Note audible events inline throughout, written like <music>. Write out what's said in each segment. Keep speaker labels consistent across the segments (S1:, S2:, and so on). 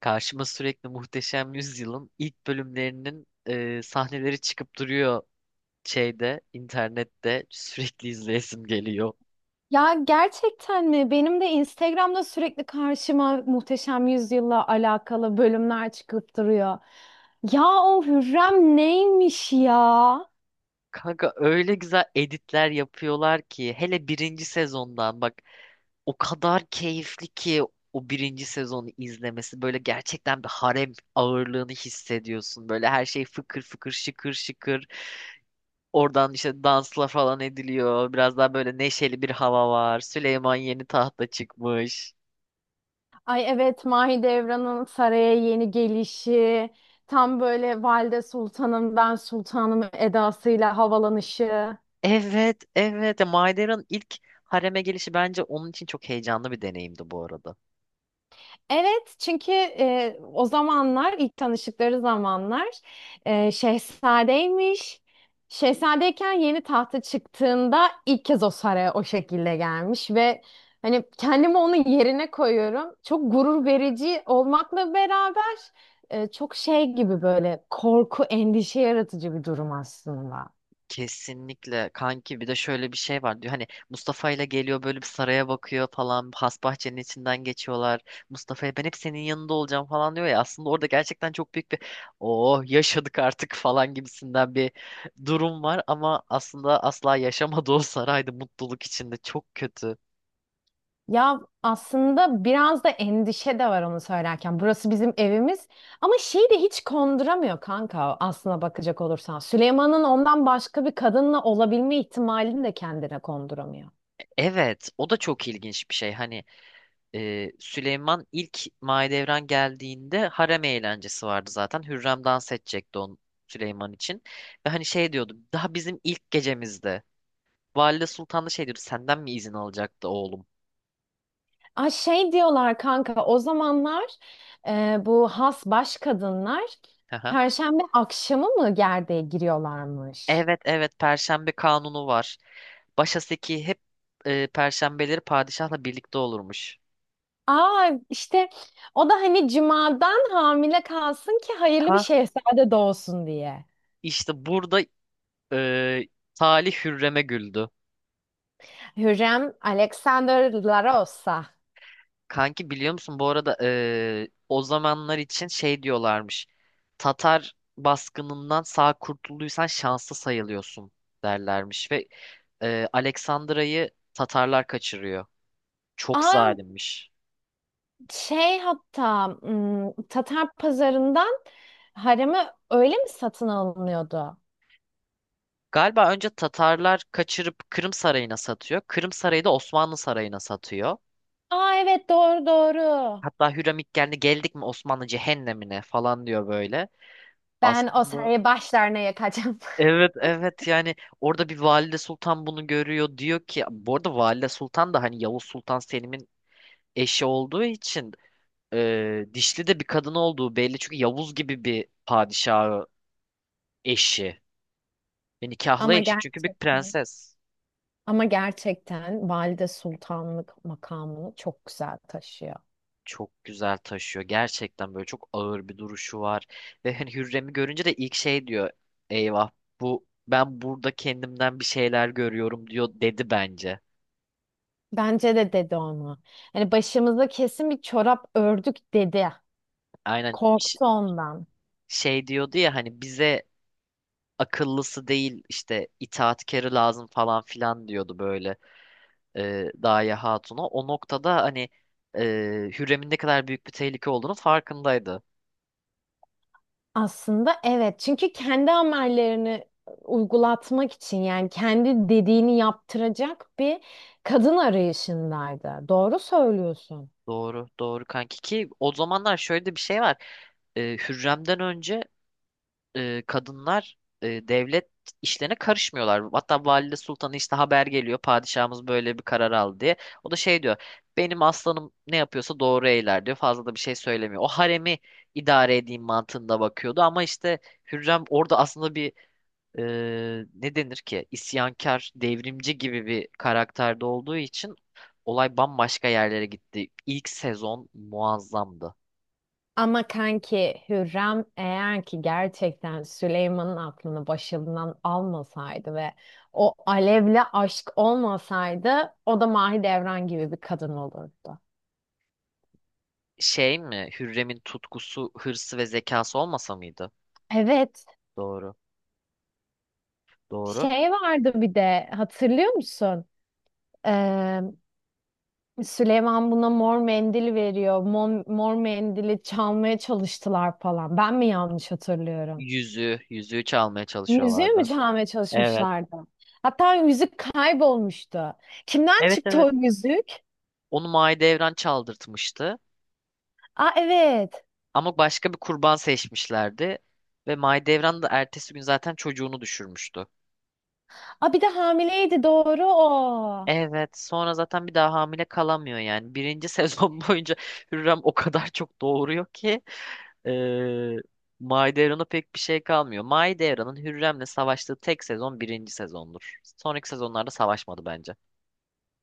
S1: Karşıma sürekli Muhteşem Yüzyıl'ın ilk bölümlerinin sahneleri çıkıp duruyor şeyde, internette sürekli izleyesim geliyor.
S2: Ya gerçekten mi? Benim de Instagram'da sürekli karşıma Muhteşem Yüzyıl'la alakalı bölümler çıkıp duruyor. Ya o Hürrem neymiş ya?
S1: Kanka öyle güzel editler yapıyorlar ki hele birinci sezondan bak, o kadar keyifli ki o birinci sezonu izlemesi böyle, gerçekten bir harem ağırlığını hissediyorsun. Böyle her şey fıkır fıkır şıkır şıkır. Oradan işte dansla falan ediliyor. Biraz daha böyle neşeli bir hava var. Süleyman yeni tahta çıkmış.
S2: Ay evet, Mahidevran'ın saraya yeni gelişi, tam böyle Valide Sultanım ben Sultanım edasıyla havalanışı.
S1: Evet, evet. Ya Maider'ın ilk hareme gelişi bence onun için çok heyecanlı bir deneyimdi bu arada.
S2: Evet, çünkü o zamanlar ilk tanıştıkları zamanlar şehzadeymiş. Şehzadeyken yeni tahta çıktığında ilk kez o saraya o şekilde gelmiş ve hani kendimi onun yerine koyuyorum. Çok gurur verici olmakla beraber çok şey gibi böyle korku, endişe yaratıcı bir durum aslında.
S1: Kesinlikle kanki, bir de şöyle bir şey var diyor. Hani Mustafa ile geliyor, böyle bir saraya bakıyor falan. Hasbahçe'nin içinden geçiyorlar. Mustafa'ya ben hep senin yanında olacağım falan diyor ya. Aslında orada gerçekten çok büyük bir oh yaşadık artık falan gibisinden bir durum var. Ama aslında asla yaşamadı o saraydı mutluluk içinde. Çok kötü.
S2: Ya aslında biraz da endişe de var onu söylerken. Burası bizim evimiz ama şeyi de hiç konduramıyor kanka, aslına bakacak olursan. Süleyman'ın ondan başka bir kadınla olabilme ihtimalini de kendine konduramıyor.
S1: Evet, o da çok ilginç bir şey. Hani Süleyman ilk Mahidevran geldiğinde harem eğlencesi vardı zaten. Hürrem dans edecekti on Süleyman için. Ve hani şey diyordu daha bizim ilk gecemizde. Valide Sultan da şey diyordu, senden mi izin alacaktı oğlum?
S2: Ay şey diyorlar kanka, o zamanlar bu has baş kadınlar
S1: Haha.
S2: Perşembe akşamı mı gerdeğe giriyorlarmış?
S1: Evet evet, Perşembe kanunu var. Başaseki hep Perşembeleri padişahla birlikte olurmuş.
S2: Aa işte, o da hani cumadan hamile kalsın ki hayırlı bir
S1: Ha,
S2: şehzade doğsun diye.
S1: işte burada e, Talih Hürrem'e güldü.
S2: Hürrem Alexander Larosa.
S1: Kanki biliyor musun bu arada, o zamanlar için şey diyorlarmış. Tatar baskınından sağ kurtulduysan şanslı sayılıyorsun derlermiş ve Aleksandra'yı Tatarlar kaçırıyor. Çok
S2: Aa
S1: zalimmiş.
S2: şey, hatta Tatar pazarından haremi öyle mi satın alınıyordu?
S1: Galiba önce Tatarlar kaçırıp Kırım Sarayı'na satıyor. Kırım Sarayı da Osmanlı Sarayı'na satıyor.
S2: Aa evet, doğru doğru.
S1: Hatta Hürrem ilk geldik mi Osmanlı cehennemine falan diyor böyle.
S2: Ben o
S1: Aslında
S2: sarayı başlarına yakacağım. <laughs>
S1: evet evet yani, orada bir Valide Sultan bunu görüyor, diyor ki bu arada Valide Sultan da hani Yavuz Sultan Selim'in eşi olduğu için dişli de bir kadın olduğu belli, çünkü Yavuz gibi bir padişahı eşi ve nikahlı
S2: Ama
S1: eşi, çünkü bir
S2: gerçekten,
S1: prenses.
S2: ama gerçekten Valide Sultanlık makamını çok güzel taşıyor.
S1: Çok güzel taşıyor gerçekten, böyle çok ağır bir duruşu var ve hani Hürrem'i görünce de ilk şey diyor, eyvah, bu ben burada kendimden bir şeyler görüyorum diyor, dedi bence.
S2: Bence de dedi onu. Hani başımıza kesin bir çorap ördük dedi.
S1: Aynen
S2: Korktu ondan.
S1: şey diyordu ya hani bize akıllısı değil, işte itaatkarı lazım falan filan diyordu böyle, Gaye Hatun'a. O noktada hani e, Hürrem'in ne kadar büyük bir tehlike olduğunu farkındaydı.
S2: Aslında evet, çünkü kendi amellerini uygulatmak için, yani kendi dediğini yaptıracak bir kadın arayışındaydı. Doğru söylüyorsun.
S1: Doğru, doğru kanki, ki o zamanlar şöyle de bir şey var. E, Hürrem'den önce kadınlar devlet işlerine karışmıyorlar. Hatta valide sultanı işte haber geliyor, padişahımız böyle bir karar aldı diye. O da şey diyor, benim aslanım ne yapıyorsa doğru eyler diyor, fazla da bir şey söylemiyor. O haremi idare edeyim mantığında bakıyordu, ama işte Hürrem orada aslında bir e, ne denir ki, isyankar, devrimci gibi bir karakterde olduğu için olay bambaşka yerlere gitti. İlk sezon muazzamdı.
S2: Ama kanki Hürrem eğer ki gerçekten Süleyman'ın aklını başından almasaydı ve o alevle aşk olmasaydı, o da Mahidevran gibi bir kadın olurdu.
S1: Şey mi, Hürrem'in tutkusu, hırsı ve zekası olmasa mıydı?
S2: Evet,
S1: Doğru. Doğru.
S2: şey vardı bir de, hatırlıyor musun? Ee, Süleyman buna mor mendil veriyor. Mor mendili çalmaya çalıştılar falan. Ben mi yanlış hatırlıyorum?
S1: Yüzüğü, yüzüğü çalmaya
S2: Yüzüğü mü
S1: çalışıyorlardı.
S2: çalmaya
S1: Evet.
S2: çalışmışlardı? Hatta yüzük kaybolmuştu. Kimden
S1: Evet
S2: çıktı
S1: evet.
S2: o yüzük?
S1: Onu Mahidevran çaldırtmıştı.
S2: Aa evet.
S1: Ama başka bir kurban seçmişlerdi. Ve Mahidevran da ertesi gün zaten çocuğunu düşürmüştü.
S2: Aa bir de hamileydi, doğru o.
S1: Evet. Sonra zaten bir daha hamile kalamıyor yani. Birinci <laughs> sezon boyunca Hürrem o kadar çok doğuruyor ki eee Mahidevran'a pek bir şey kalmıyor. Mahidevran'ın Hürrem'le savaştığı tek sezon birinci sezondur. Sonraki sezonlarda savaşmadı bence.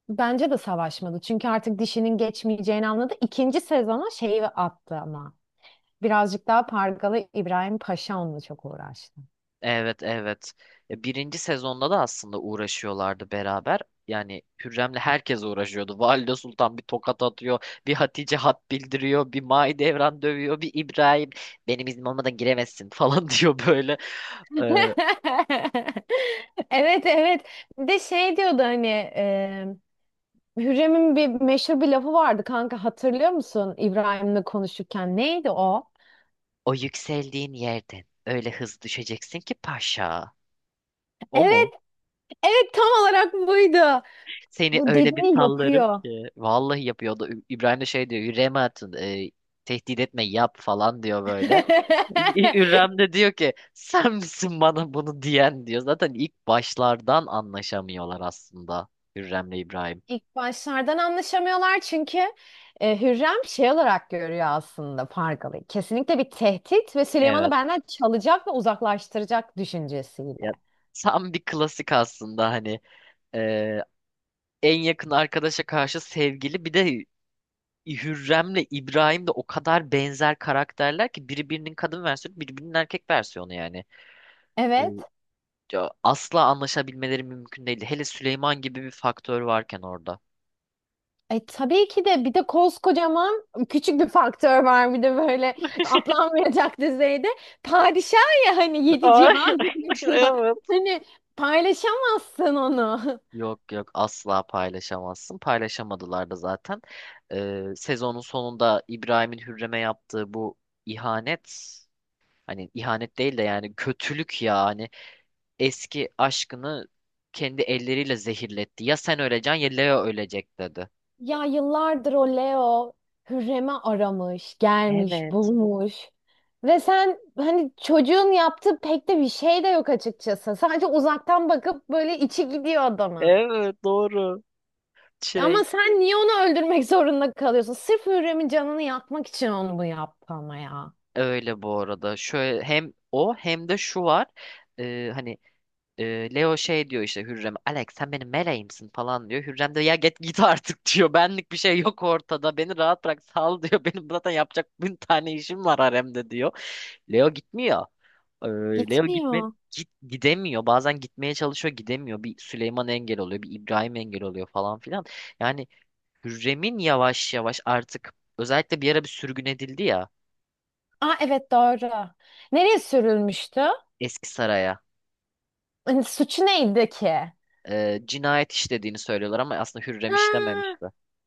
S2: Bence de savaşmadı. Çünkü artık dişinin geçmeyeceğini anladı. İkinci sezona şeyi attı ama. Birazcık daha Pargalı İbrahim Paşa onunla çok uğraştı.
S1: Evet evet. Birinci sezonda da aslında uğraşıyorlardı beraber. Yani Hürrem'le herkes uğraşıyordu. <laughs> Valide Sultan bir tokat atıyor, bir Hatice hat bildiriyor, bir Mahidevran dövüyor, bir İbrahim benim iznim olmadan giremezsin falan <laughs> diyor böyle. E,
S2: <laughs> Evet evet. Bir de şey diyordu hani, e, Hürrem'in bir meşhur bir lafı vardı kanka, hatırlıyor musun İbrahim'le konuşurken neydi o?
S1: o yükseldiğin yerden öyle hızlı düşeceksin ki paşa. O
S2: Evet,
S1: mu?
S2: evet tam olarak buydu.
S1: Seni
S2: Bu
S1: öyle bir
S2: dediğini
S1: sallarım
S2: yapıyor.
S1: ki. Vallahi yapıyordu. İbrahim de şey diyor, Hürrem'e atın, tehdit etme, yap falan diyor böyle.
S2: <laughs>
S1: Ürem de diyor ki, sen misin bana bunu diyen diyor. Zaten ilk başlardan anlaşamıyorlar aslında, Hürrem'le İbrahim.
S2: İlk başlardan anlaşamıyorlar, çünkü Hürrem şey olarak görüyor aslında Pargalı. Kesinlikle bir tehdit ve Süleyman'ı
S1: Evet.
S2: benden çalacak ve uzaklaştıracak düşüncesiyle.
S1: Ya, tam bir klasik aslında hani e, en yakın arkadaşa karşı sevgili, bir de Hürrem'le İbrahim de o kadar benzer karakterler ki, biri birinin kadın versiyonu, biri birinin erkek versiyonu yani. E,
S2: Evet.
S1: ya asla anlaşabilmeleri mümkün değil. Hele Süleyman gibi bir faktör varken orada.
S2: Tabii ki de bir de koskocaman küçük bir faktör var, bir de böyle atlanmayacak düzeyde. Padişah ya, hani yedi
S1: Ay,
S2: cihan
S1: <laughs>
S2: diyor. <laughs>
S1: evet.
S2: Hani paylaşamazsın onu.
S1: Yok yok, asla paylaşamazsın. Paylaşamadılar da zaten. Sezonun sonunda İbrahim'in Hürrem'e yaptığı bu ihanet, hani ihanet değil de yani kötülük ya, hani eski aşkını kendi elleriyle zehirletti. Ya sen öleceksin ya Leo ölecek dedi.
S2: Ya yıllardır o Leo Hürrem'i aramış, gelmiş,
S1: Evet.
S2: bulmuş. Ve sen hani çocuğun yaptığı pek de bir şey de yok açıkçası. Sadece uzaktan bakıp böyle içi gidiyor adamın.
S1: Evet doğru.
S2: Ama
S1: Şey
S2: sen niye onu öldürmek <laughs> zorunda kalıyorsun? Sırf Hürrem'in canını yakmak için onu bu yaptı ama ya.
S1: öyle bu arada. Şöyle hem o hem de şu var. Hani Leo şey diyor işte Hürrem'e, Alex sen benim meleğimsin falan diyor. Hürrem de, ya git git artık <laughs> diyor. Benlik bir şey yok ortada. Beni rahat bırak, sal <laughs> diyor. Benim zaten yapacak bin tane işim var haremde diyor. Leo gitmiyor. Ee, Leo gitme
S2: Gitmiyor.
S1: git gidemiyor. Bazen gitmeye çalışıyor, gidemiyor. Bir Süleyman engel oluyor, bir İbrahim engel oluyor falan filan. Yani Hürrem'in yavaş yavaş artık, özellikle bir ara bir sürgün edildi ya,
S2: Aa evet, doğru. Nereye sürülmüştü?
S1: eski saraya.
S2: Hani suçu neydi ki?
S1: Cinayet işlediğini söylüyorlar ama aslında Hürrem
S2: Ha,
S1: işlememişti.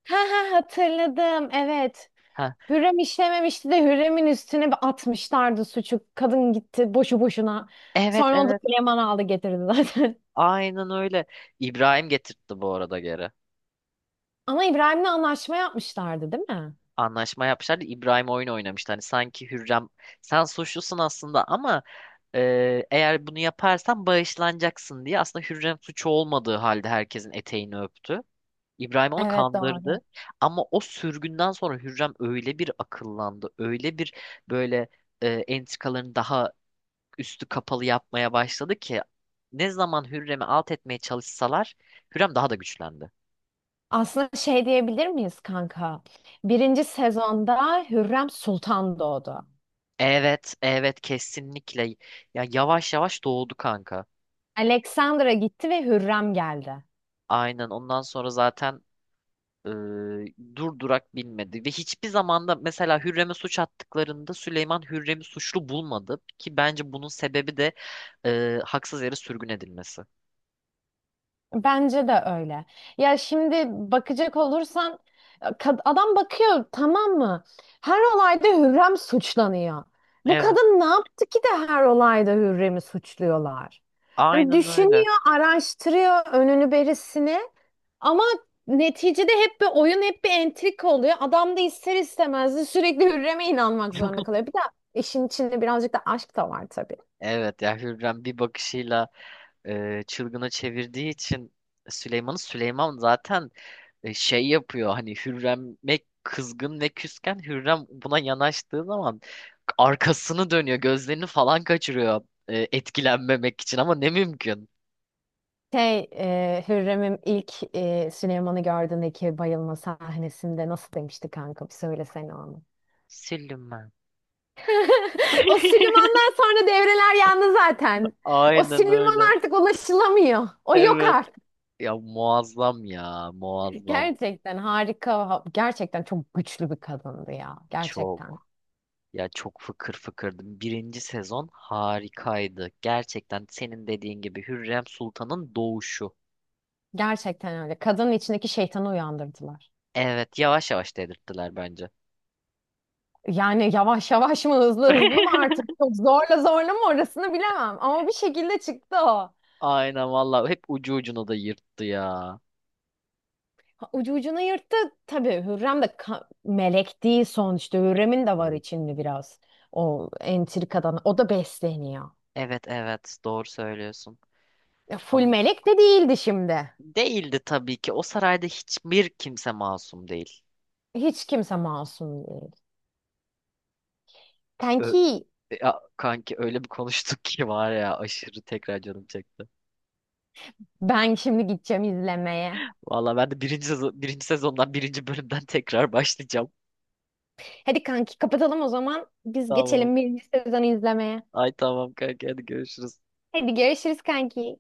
S2: ha, ha hatırladım. Evet.
S1: Ha,
S2: Hürrem işlememişti de Hürrem'in üstüne bir atmışlardı suçu. Kadın gitti boşu boşuna.
S1: evet
S2: Sonra onu da
S1: evet.
S2: Süleyman aldı getirdi zaten. <laughs>
S1: Aynen öyle. İbrahim getirtti bu arada geri.
S2: Ama İbrahim'le anlaşma yapmışlardı değil mi?
S1: Anlaşma yapmışlardı. İbrahim oyun oynamıştı. Hani sanki Hürrem sen suçlusun aslında ama eğer bunu yaparsan bağışlanacaksın diye, aslında Hürrem suçu olmadığı halde herkesin eteğini öptü. İbrahim onu
S2: Evet, doğru.
S1: kandırdı. Ama o sürgünden sonra Hürrem öyle bir akıllandı. Öyle bir böyle entrikalarını daha üstü kapalı yapmaya başladı ki, ne zaman Hürrem'i alt etmeye çalışsalar Hürrem daha da güçlendi.
S2: Aslında şey diyebilir miyiz kanka? Birinci sezonda Hürrem Sultan doğdu.
S1: Evet, evet kesinlikle. Ya yavaş yavaş doğdu kanka.
S2: Alexandra gitti ve Hürrem geldi.
S1: Aynen, ondan sonra zaten e, dur durak bilmedi. Ve hiçbir zamanda mesela Hürrem'e suç attıklarında Süleyman Hürrem'i suçlu bulmadı. Ki bence bunun sebebi de haksız yere sürgün edilmesi.
S2: Bence de öyle. Ya şimdi bakacak olursan, kad- adam bakıyor, tamam mı? Her olayda Hürrem suçlanıyor. Bu
S1: Evet,
S2: kadın ne yaptı ki de her olayda Hürrem'i suçluyorlar? Hani
S1: aynen öyle.
S2: düşünüyor, araştırıyor önünü berisini. Ama neticede hep bir oyun, hep bir entrika oluyor. Adam da ister istemez de sürekli Hürrem'e inanmak zorunda
S1: <laughs>
S2: kalıyor. Bir de işin içinde birazcık da aşk da var tabii.
S1: Evet ya, Hürrem bir bakışıyla çılgına çevirdiği için Süleyman'ı, Süleyman zaten şey yapıyor, hani Hürrem'e kızgın ve küsken, Hürrem buna yanaştığı zaman arkasını dönüyor, gözlerini falan kaçırıyor, etkilenmemek için, ama ne mümkün.
S2: Şey, Hürrem'in ilk Süleyman'ı gördüğündeki bayılma sahnesinde nasıl demişti kanka? Bir söylesene onu.
S1: Sildim ben.
S2: <laughs> O
S1: <laughs>
S2: Süleyman'dan sonra devreler yandı zaten. O
S1: Aynen öyle.
S2: Süleyman artık ulaşılamıyor. O yok
S1: Evet.
S2: artık.
S1: Ya muazzam, ya muazzam.
S2: Gerçekten harika. Ha- Gerçekten çok güçlü bir kadındı ya. Gerçekten.
S1: Çok. Ya çok fıkır fıkırdım. Birinci sezon harikaydı. Gerçekten senin dediğin gibi, Hürrem Sultan'ın doğuşu.
S2: Gerçekten öyle. Kadının içindeki şeytanı uyandırdılar.
S1: Evet yavaş yavaş dedirttiler bence.
S2: Yani yavaş yavaş mı hızlı hızlı mı
S1: <laughs>
S2: artık çok zorla zorla mı orasını bilemem. Ama bir şekilde çıktı o.
S1: Aynen valla, hep ucu ucuna da yırttı ya.
S2: Ha, ucu ucuna yırttı. Tabii Hürrem de ka- melek değil sonuçta. Hürrem'in de var
S1: Evet.
S2: içinde biraz. O entrikadan. O da besleniyor.
S1: Evet evet, doğru söylüyorsun.
S2: Full
S1: Ama
S2: melek de değildi şimdi.
S1: değildi tabii ki. O sarayda hiçbir kimse masum değil.
S2: Hiç kimse masum değil.
S1: Ö-
S2: Kanki
S1: ya kanki öyle bir konuştuk <laughs> ki var ya, aşırı tekrar canım çekti.
S2: ben şimdi gideceğim izlemeye.
S1: Valla ben de birinci sezondan birinci bölümden <laughs> tekrar başlayacağım.
S2: Hadi kanki kapatalım o zaman. Biz
S1: Tamam.
S2: geçelim birinci sezonu izlemeye.
S1: Ay tamam kanka, hadi görüşürüz.
S2: Hadi görüşürüz kanki.